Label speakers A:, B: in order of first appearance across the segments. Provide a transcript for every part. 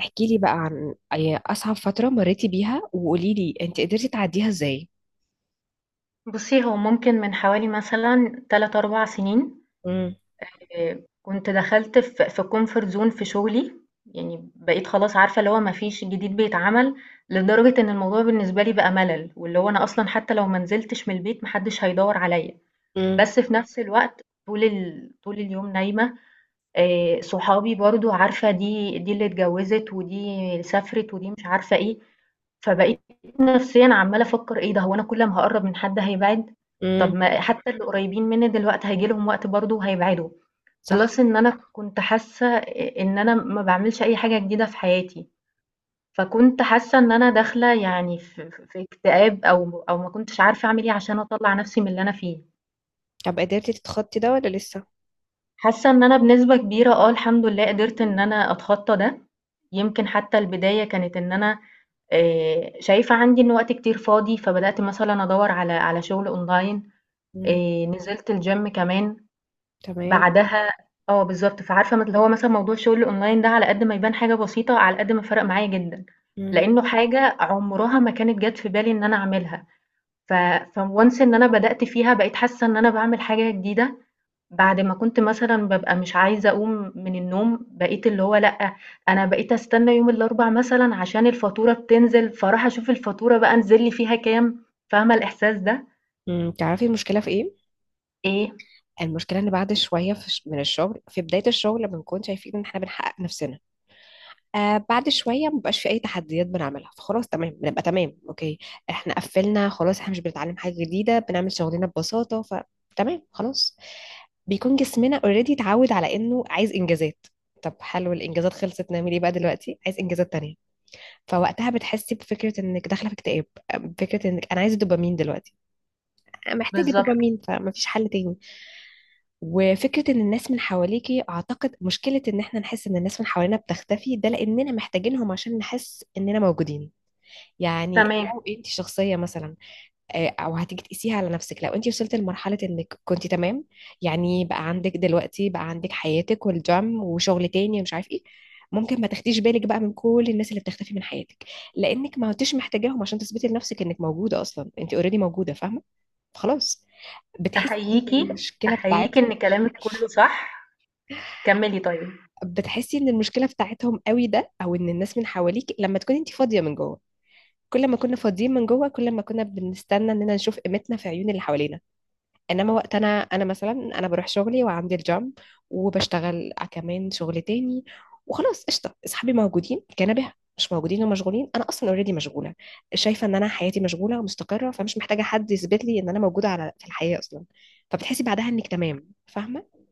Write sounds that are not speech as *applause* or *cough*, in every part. A: احكي لي بقى عن أي أصعب فترة مريتي بيها وقولي لي أنت قدرتي تعديها إزاي؟
B: بُصّي، هو ممكن من حوالي مثلًا 3، 4 سنين.
A: امم.
B: كنت دخلت في comfort zone في شغلي، يعني بقيت خلاص عارفة اللي هو ما فيش جديد بيتعمل، لدرجة إن الموضوع بالنسبة لي بقى ملل، واللي هو أنا أصلًا حتى لو ما نزلتش من البيت ما حدش هيدوّر عليَّ،
A: امم.
B: بس في نفس الوقت طول اليوم نايمة. صحابي برضه عارفة دي اللي اتجوّزت ودي سافرت ودي مش عارفة إيه، فبقيت نفسيًا عمّالة أفكّر إيه ده، هو أنا كل ما هاقرّب من حد هيبعد؟ طب
A: امم.
B: ما حتّى اللي قريّبين منّي دلوقتي هييجي لهم وقت برضه وهيبعدوا،
A: صح.
B: plus إن أنا كنت حاسّة إن أنا ما باعملش أي حاجة جديدة في حياتي، فكنت حاسّة إن أنا داخلة يعني في اكتئاب أو ما كنتش عارفة أعمل إيه عشان أطلّع نفسي من اللي أنا فيه.
A: طب قدرتي تتخطي ده ولا لسه؟
B: حاسة إن أنا بنسبة كبيرة الحمد لله قدرت إن أنا أتخطى ده، يمكن حتى البداية كانت إن أنا شايفة عندي إن وقت كتير فاضي، فبدأت مثلًا أدوّر على شغل online.
A: امم.
B: نزلت الgym كمان،
A: تمام.
B: بعدها آه بالضبط، فعارفة اللي هو مثلًا موضوع الشغل الonline ده، على قد ما يبان حاجة بسيطة، على قد ما فرق معايا جدًا،
A: امم.
B: لإنه حاجة عمرها ما كانت جات في بالي إن أنا أعملها، ف فonce إن أنا بدأت فيها بقيت حاسة إن أنا باعمل حاجة جديدة، بعد ما كنت مثلًا بابقى مش عايزة أقوم من النوم، بقيت اللي هو لأ، أنا بقيت أستنى يوم الأربع مثلًا عشان الفاتورة بتنزل، فاروح أشوف الفاتورة بقى نزل لي فيها كام، فاهمة الإحساس ده؟
A: امم. تعرفي المشكلة في إيه؟
B: إيه،
A: المشكلة إن بعد شوية من الشغل، في بداية الشغل بنكون شايفين إن إحنا بنحقق نفسنا. آه، بعد شويه مبقاش في اي تحديات بنعملها، فخلاص تمام، بنبقى تمام، اوكي، احنا قفلنا خلاص، احنا مش بنتعلم حاجه جديده، بنعمل شغلنا ببساطه فتمام خلاص. بيكون جسمنا اوريدي اتعود على انه عايز انجازات. طب حلو، الانجازات خلصت، نعمل ايه بقى دلوقتي؟ عايز انجازات تانية. فوقتها بتحسي بفكره انك داخله في اكتئاب، فكره انك انا عايزه دوبامين دلوقتي، أنا محتاجه
B: بالضبط.
A: دوبامين، فمفيش حل تاني. وفكرة ان الناس من حواليكي، اعتقد مشكلة ان احنا نحس ان الناس من حوالينا بتختفي ده لاننا محتاجينهم عشان نحس اننا موجودين. يعني
B: تمام.
A: لو انت شخصية مثلا، آه، او هتيجي تقيسيها على نفسك، لو انت وصلت لمرحلة انك كنت تمام، يعني بقى عندك دلوقتي بقى عندك حياتك والجيم وشغل تاني ومش عارف ايه، ممكن ما تاخديش بالك بقى من كل الناس اللي بتختفي من حياتك، لانك ما كنتش محتاجاهم عشان تثبتي لنفسك انك موجودة، اصلا انت اوريدي موجودة، فاهمة؟ خلاص. بتحسي
B: أحييكِ،
A: بالمشكلة
B: أحييكِ
A: بتاعتهم،
B: إن كلامِك كله صح، كمّلي طيب.
A: بتحسي ان المشكله بتاعتهم قوي ده، او ان الناس من حواليك، لما تكوني انت فاضيه من جوه. كل ما كنا فاضيين من جوه، كل ما كنا بنستنى اننا نشوف قيمتنا في عيون اللي حوالينا. انما وقت انا مثلا انا بروح شغلي وعندي الجام، وبشتغل كمان شغل تاني، وخلاص قشطه، اصحابي موجودين، كنبه مش موجودين ومشغولين، انا اصلا اوريدي مشغوله، شايفه ان انا حياتي مشغوله ومستقره، فمش محتاجه حد يثبت لي ان انا موجوده على في الحياه اصلا. فبتحسي بعدها انك تمام، فاهمه؟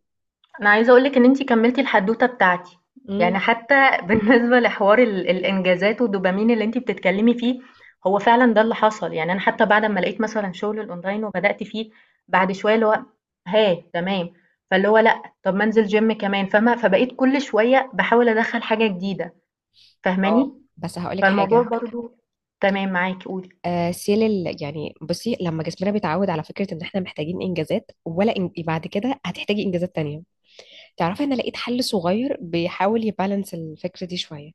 B: انا عايزه اقولك ان انتي كملتي الحدوته بتاعتي، يعني
A: امم.
B: حتى *laughs* بالنسبه لحوار الانجازات والدوبامين اللي انتي بتتكلمي فيه، هو فعلا ده اللي حصل، يعني انا حتى بعد ما لقيت مثلا شغل الاونلاين وبدات فيه، بعد شويه اللي هو، ها تمام، فاللي هو لا، طب ما انزل جيم كمان، فاهمه؟ فبقيت كل شويه بحاول ادخل حاجه جديده،
A: اه.
B: فاهماني؟
A: بس هقولك
B: فالموضوع
A: حاجه.
B: برضو تمام معاكي، قولي.
A: يعني بصي، لما جسمنا بيتعود على فكرة ان احنا محتاجين انجازات، ولا إن بعد كده هتحتاجي انجازات تانية. تعرفي انا لقيت حل صغير بيحاول يبالانس الفكرة دي شوية.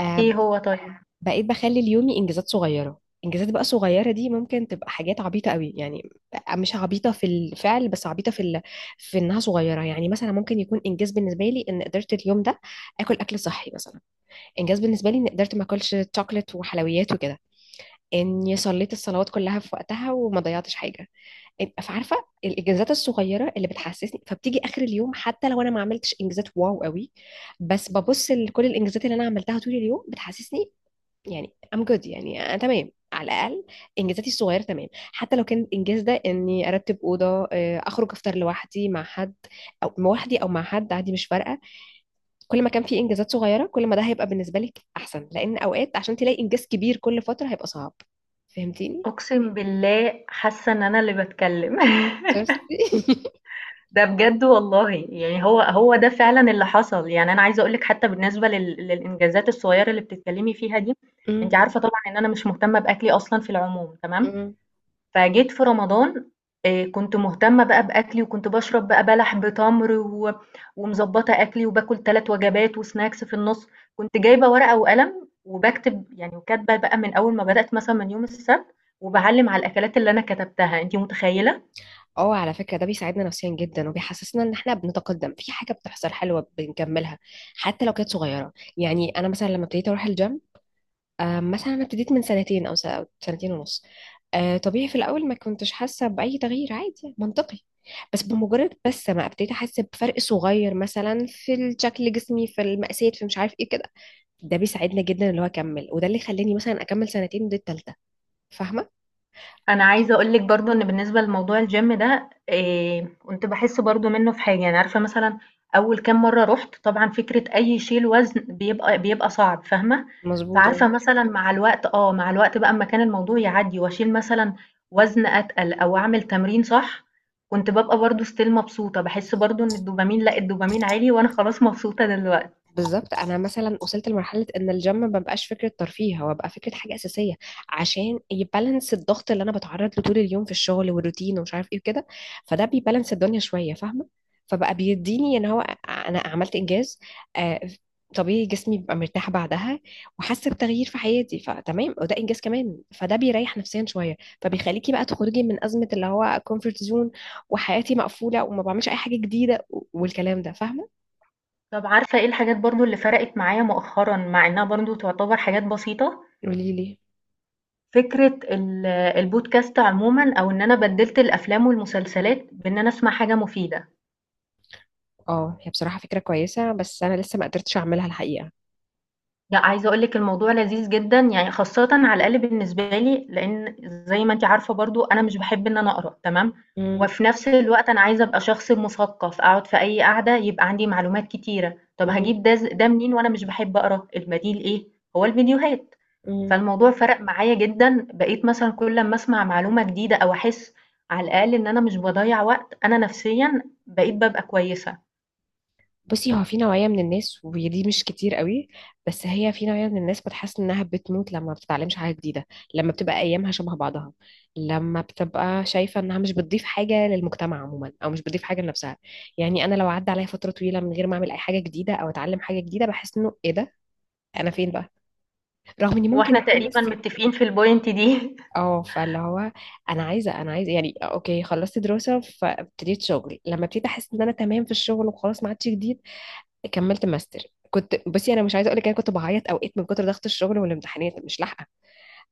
A: آه،
B: ايه
A: ب-
B: هو طيب؟
A: بقيت بخلي اليومي انجازات صغيرة. انجازات بقى صغيرة دي ممكن تبقى حاجات عبيطة قوي، يعني مش عبيطة في الفعل، بس عبيطة في ال... في انها صغيرة. يعني مثلا ممكن يكون انجاز بالنسبة لي ان قدرت اليوم ده اكل اكل صحي مثلا، انجاز بالنسبة لي ان قدرت ما اكلش شوكليت وحلويات وكده، اني صليت الصلوات كلها في وقتها وما ضيعتش حاجه. إن فعارفه الانجازات الصغيره اللي بتحسسني، فبتيجي اخر اليوم حتى لو انا ما عملتش انجازات واو قوي، بس ببص لكل الانجازات اللي انا عملتها طول اليوم، بتحسسني يعني I'm good، يعني انا تمام على الاقل. انجازاتي الصغيره تمام، حتى لو كان الانجاز ده اني ارتب اوضه، آه، اخرج افطر لوحدي مع حد، او لوحدي او مع حد، عادي مش فارقه. كل ما كان في انجازات صغيره، كل ما ده هيبقى بالنسبه لك احسن، لان اوقات عشان تلاقي انجاز كبير كل فتره هيبقى صعب. فهمتيني؟
B: اقسم بالله حاسه ان انا اللي بتكلم *laughs*
A: شفتي؟
B: ده بجد والله، يعني هو هو ده فعلا اللي حصل، يعني انا عايزه اقول لك حتى بالنسبه للانجازات الصغيره اللي بتتكلمي فيها دي.
A: *laughs* مم.
B: انت عارفه طبعا ان انا مش مهتمه باكلي اصلا في العموم، تمام.
A: مم.
B: فجيت في رمضان، كنت مهتمه بقى باكلي، وكنت بشرب بقى بلح، بتمر و... ومظبطه اكلي وباكل ثلاث وجبات وسناكس في النص، كنت جايبه ورقه وقلم وبكتب يعني، وكاتبه بقى من اول ما بدات مثلا من يوم السبت، وبعلم على الاكلات اللي انا كتبتها، انت متخيله؟
A: اه، على فكرة ده بيساعدنا نفسيا جدا، وبيحسسنا ان احنا بنتقدم في حاجة بتحصل حلوة بنكملها، حتى لو كانت صغيرة. يعني انا مثلا لما ابتديت اروح الجيم، آه، مثلا انا ابتديت من سنتين أو سنتين ونص، آه، طبيعي في الاول ما كنتش حاسة بأي تغيير، عادي منطقي، بس بمجرد بس ما ابتديت احس بفرق صغير مثلا في شكل جسمي في المقاسات في مش عارف ايه كده، ده بيساعدنا جدا اللي هو اكمل، وده اللي خلاني مثلا اكمل سنتين، ودي التالتة. فاهمة؟
B: انا عايزه اقول لك برضو ان بالنسبه لموضوع الجيم ده، كنت بحس برضو منه في حاجه، يعني عارفه مثلا اول كام مره رحت، طبعا فكره اي شيل وزن بيبقى صعب، فاهمه؟
A: مظبوط.
B: فعارفه مثلا مع الوقت بقى، اما كان الموضوع يعدي واشيل مثلا وزن اتقل او اعمل تمرين صح، كنت ببقى برضو ستيل مبسوطه، بحس برضو ان الدوبامين، لا الدوبامين عالي، وانا خلاص *laughs* مبسوطه دلوقتي.
A: بالظبط، انا مثلا وصلت لمرحله ان الجيم ما بقاش فكره ترفيه، هو بقى فكره حاجه اساسيه، عشان يبالانس الضغط اللي انا بتعرض له طول اليوم في الشغل والروتين ومش عارف ايه وكده، فده بيبالانس الدنيا شويه، فاهمه؟ فبقى بيديني ان هو انا عملت انجاز، آه، طبيعي جسمي بيبقى مرتاح بعدها، وحاسه بتغيير في حياتي فتمام، وده انجاز كمان، فده بيريح نفسيا شويه، فبيخليكي بقى تخرجي من ازمه اللي هو كومفورت زون، وحياتي مقفوله وما بعملش اي حاجه جديده والكلام ده، فاهمه؟
B: طب عارفه ايه الحاجات برضو اللي فرقت معايا مؤخرا، مع انها برضو تعتبر حاجات بسيطه؟
A: قولي لي.
B: فكرة البودكاست عمومًا، أو إن أنا بدِّلت الأفلام والمسلسلات بإن أنا أسمع حاجة مفيدة.
A: اه، هي بصراحة فكرة كويسة، بس أنا لسه ما قدرتش أعملها الحقيقة.
B: لأ، عايزة أقول لِك الموضوع لذيذ جدًا، يعني خاصةً على الأقل بالنسبة لي، لإن زي ما أنتِ عارفة برضه أنا مش باحب إن أنا أقرا، تمام،
A: مم.
B: وفي نفس الوقت أنا عايزة أبقى شخص مثقف، أقعد في أي قعدة يبقى عندي معلومات كتيرة. طب
A: مم.
B: هاجيب ده ده منين وأنا مش باحب أقرا؟ البديل إيه؟ هو الفيديوهات.
A: مم.
B: فالموضوع فرق معايا جدًا، بقيت مثلًا كل أمّا أسمع معلومة جديدة أو أحس على الأقل إن أنا مش باضيّع وقت، أنا نفسيًا بقيت بابقى كويسة.
A: بصي، هو في نوعية من الناس، ودي مش كتير قوي، بس هي في نوعية من الناس بتحس إنها بتموت لما ما بتتعلمش حاجة جديدة، لما بتبقى أيامها شبه بعضها، لما بتبقى شايفة إنها مش بتضيف حاجة للمجتمع عموما، أو مش بتضيف حاجة لنفسها. يعني أنا لو عدى عليا فترة طويلة من غير ما أعمل أي حاجة جديدة أو أتعلم حاجة جديدة، بحس إنه إيه ده؟ أنا فين بقى؟ رغم إني
B: هو
A: ممكن
B: إحنا
A: أكون
B: تقريبًا
A: لسه.
B: متفقين في الpoint دي.
A: اه فاللي هو انا عايزه يعني اوكي خلصت دراسه فابتديت شغل، لما ابتديت احس ان انا تمام في الشغل وخلاص ما عادش جديد، كملت ماستر. كنت بصي انا مش عايزه اقول لك، انا كنت بعيط اوقات من كتر ضغط الشغل والامتحانات مش لاحقه.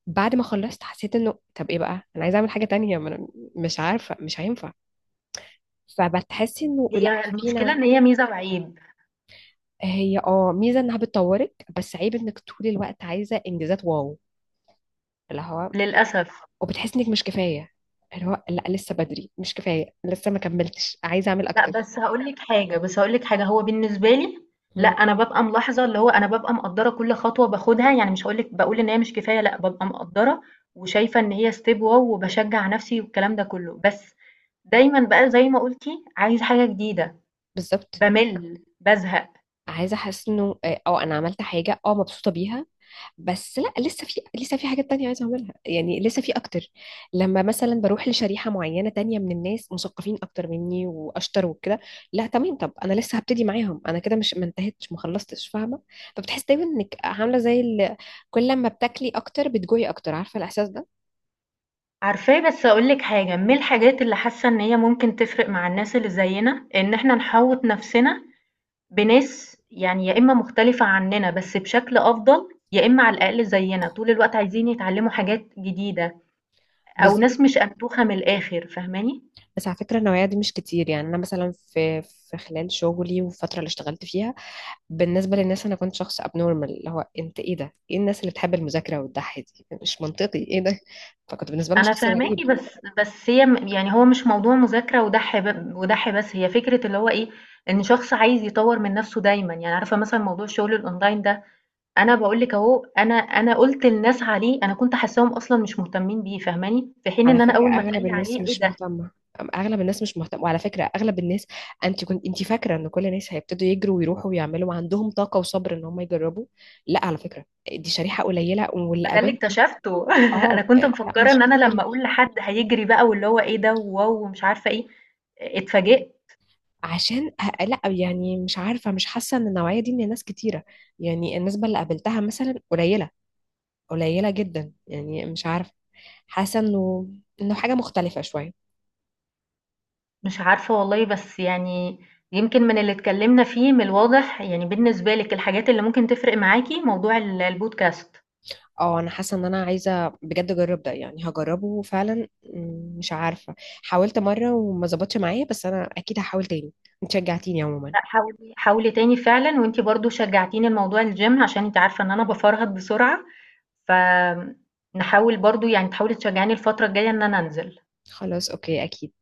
A: بعد ما خلصت حسيت انه طب ايه بقى، انا عايزه اعمل حاجه تانية، ما أنا مش عارفه مش هينفع. فبتحسي انه
B: *laughs*
A: لا
B: هي المشكلة
A: فينا.
B: إن هي ميزة وعيب
A: هي اه ميزه انها بتطورك، بس عيب انك طول الوقت عايزه انجازات واو، اللي هو
B: للأسف.
A: وبتحس انك مش كفايه، اللي هو لا لسه بدري مش كفايه، لسه ما كملتش، عايزه اعمل
B: لأ،
A: اكتر.
B: بس هاقول لِك حاجة، هو بالنسبة لي لأ،
A: مم.
B: أنا بابقى ملاحظة اللي هو أنا بابقى مقدّرة كل خطوة باخدها، يعني مش هاقول لِك باقول إن هي مش كفاية لأ، بابقى مقدّرة وشايفة إن هي step wow، وباشجّع نَفْسي والكلام ده كُلّه، بس دايمًا بقى زي ما قُلتِ عايزة حاجة جديدة،
A: بالظبط.
B: بامِل، بازهق.
A: عايزه احس انه اه، آه، انا عملت حاجه اه مبسوطه بيها، بس لا لسه في لسه في حاجات تانية عايزه اعملها، يعني لسه في اكتر. لما مثلا بروح لشريحه معينه تانية من الناس مثقفين اكتر مني واشطر وكده، لا تمام طب انا لسه هبتدي معاهم، انا كده مش ما انتهتش ما خلصتش، فاهمه؟ فبتحس دايما انك عامله زي ال... كل لما بتاكلي اكتر بتجوعي اكتر، عارفه الاحساس
B: عارفاه، بس هاقول لِك حاجة، من الحاجات اللي حاسة إن هي ممكن تفرق مع الناس اللي زيّنا، إن إحنا نحوّط نَفْسنا بناس يعني يا إما مختلفة عننا بس بشكل أفضل، يا إما على الأقل زينا، طول الوقت عايزين يتعلموا حاجات جديدة،
A: ده؟
B: أو ناس مش أنتوخة من الآخر، فاهماني؟
A: بس على فكرة النوعية دي مش كتير. يعني أنا مثلا في خلال شغلي والفترة اللي اشتغلت فيها، بالنسبة للناس أنا كنت شخص abnormal، اللي هو أنت إيه ده؟ إيه الناس اللي بتحب المذاكرة وتضحي دي؟ مش منطقي إيه ده؟ فكنت بالنسبة لهم
B: أنا
A: شخص غريب.
B: فاهماكِ، بس هي يعني هو مش موضوع مذاكرة ودَح ودَح بس، هي فكرة اللي هو إيه، إن شخص عايز يطوّر من نَفْسه دايمًا، يعني عارفة مثلًا موضوع الشغل الأونلاين ده، أنا باقول لِك أهو، أنا قُلت لناس عليه، أنا كنت حاساهم أصلًا مش مهتمين بيه، فاهماني؟ في حين
A: على
B: إن أنا
A: فكرة
B: أول ما اتقال
A: أغلب
B: لي
A: الناس
B: عليه إيه
A: مش
B: ده!
A: مهتمة، أغلب الناس مش مهتمة، وعلى فكرة أغلب الناس، أنت كنت أنت فاكرة إن كل الناس هيبتدوا يجروا ويروحوا ويعملوا وعندهم طاقة وصبر إن هم يجربوا، لا على فكرة دي شريحة قليلة، واللي
B: ما ده اللي
A: قابلته.
B: اكتشفته *laughs* أنا
A: أه،
B: كنت
A: آه، لا
B: مفكرة
A: مش
B: إن أنا لمّا
A: كتير.
B: أقول لحد هيجري بقى، واللي هو إيه ده وواو ومش عارفة إيه، اتفاجئت.
A: لا يعني مش عارفة، مش حاسة ان النوعية دي من الناس كتيرة، يعني النسبة اللي قابلتها مثلا قليلة، قليلة جدا، يعني مش عارفة، حاسة انه انه حاجة مختلفة شوية.
B: مش عارفة والله، بس يعني يمكن من اللي اتكلمنا فيه من الواضح يعني بالنسبة لِك الحاجات اللي ممكن تفرق معاكِ موضوع البودكاست،
A: اه انا حاسة ان انا عايزة بجد اجرب ده، يعني هجربه فعلا، مش عارفة حاولت مرة وما ظبطش معايا، بس انا اكيد هحاول تاني، انت شجعتيني عموما.
B: لأ حاولي حاولي تاني فعلًا، وأنتِ برضه شجعتيني لموضوع الgym عشان أنتِ عارفة إن أنا بافرهد بسرعة، فآمم، نحاول برضه يعني تحاولي تشجعيني الفترة الجاية إن أنا أنزل.
A: خلاص اوكي اكيد.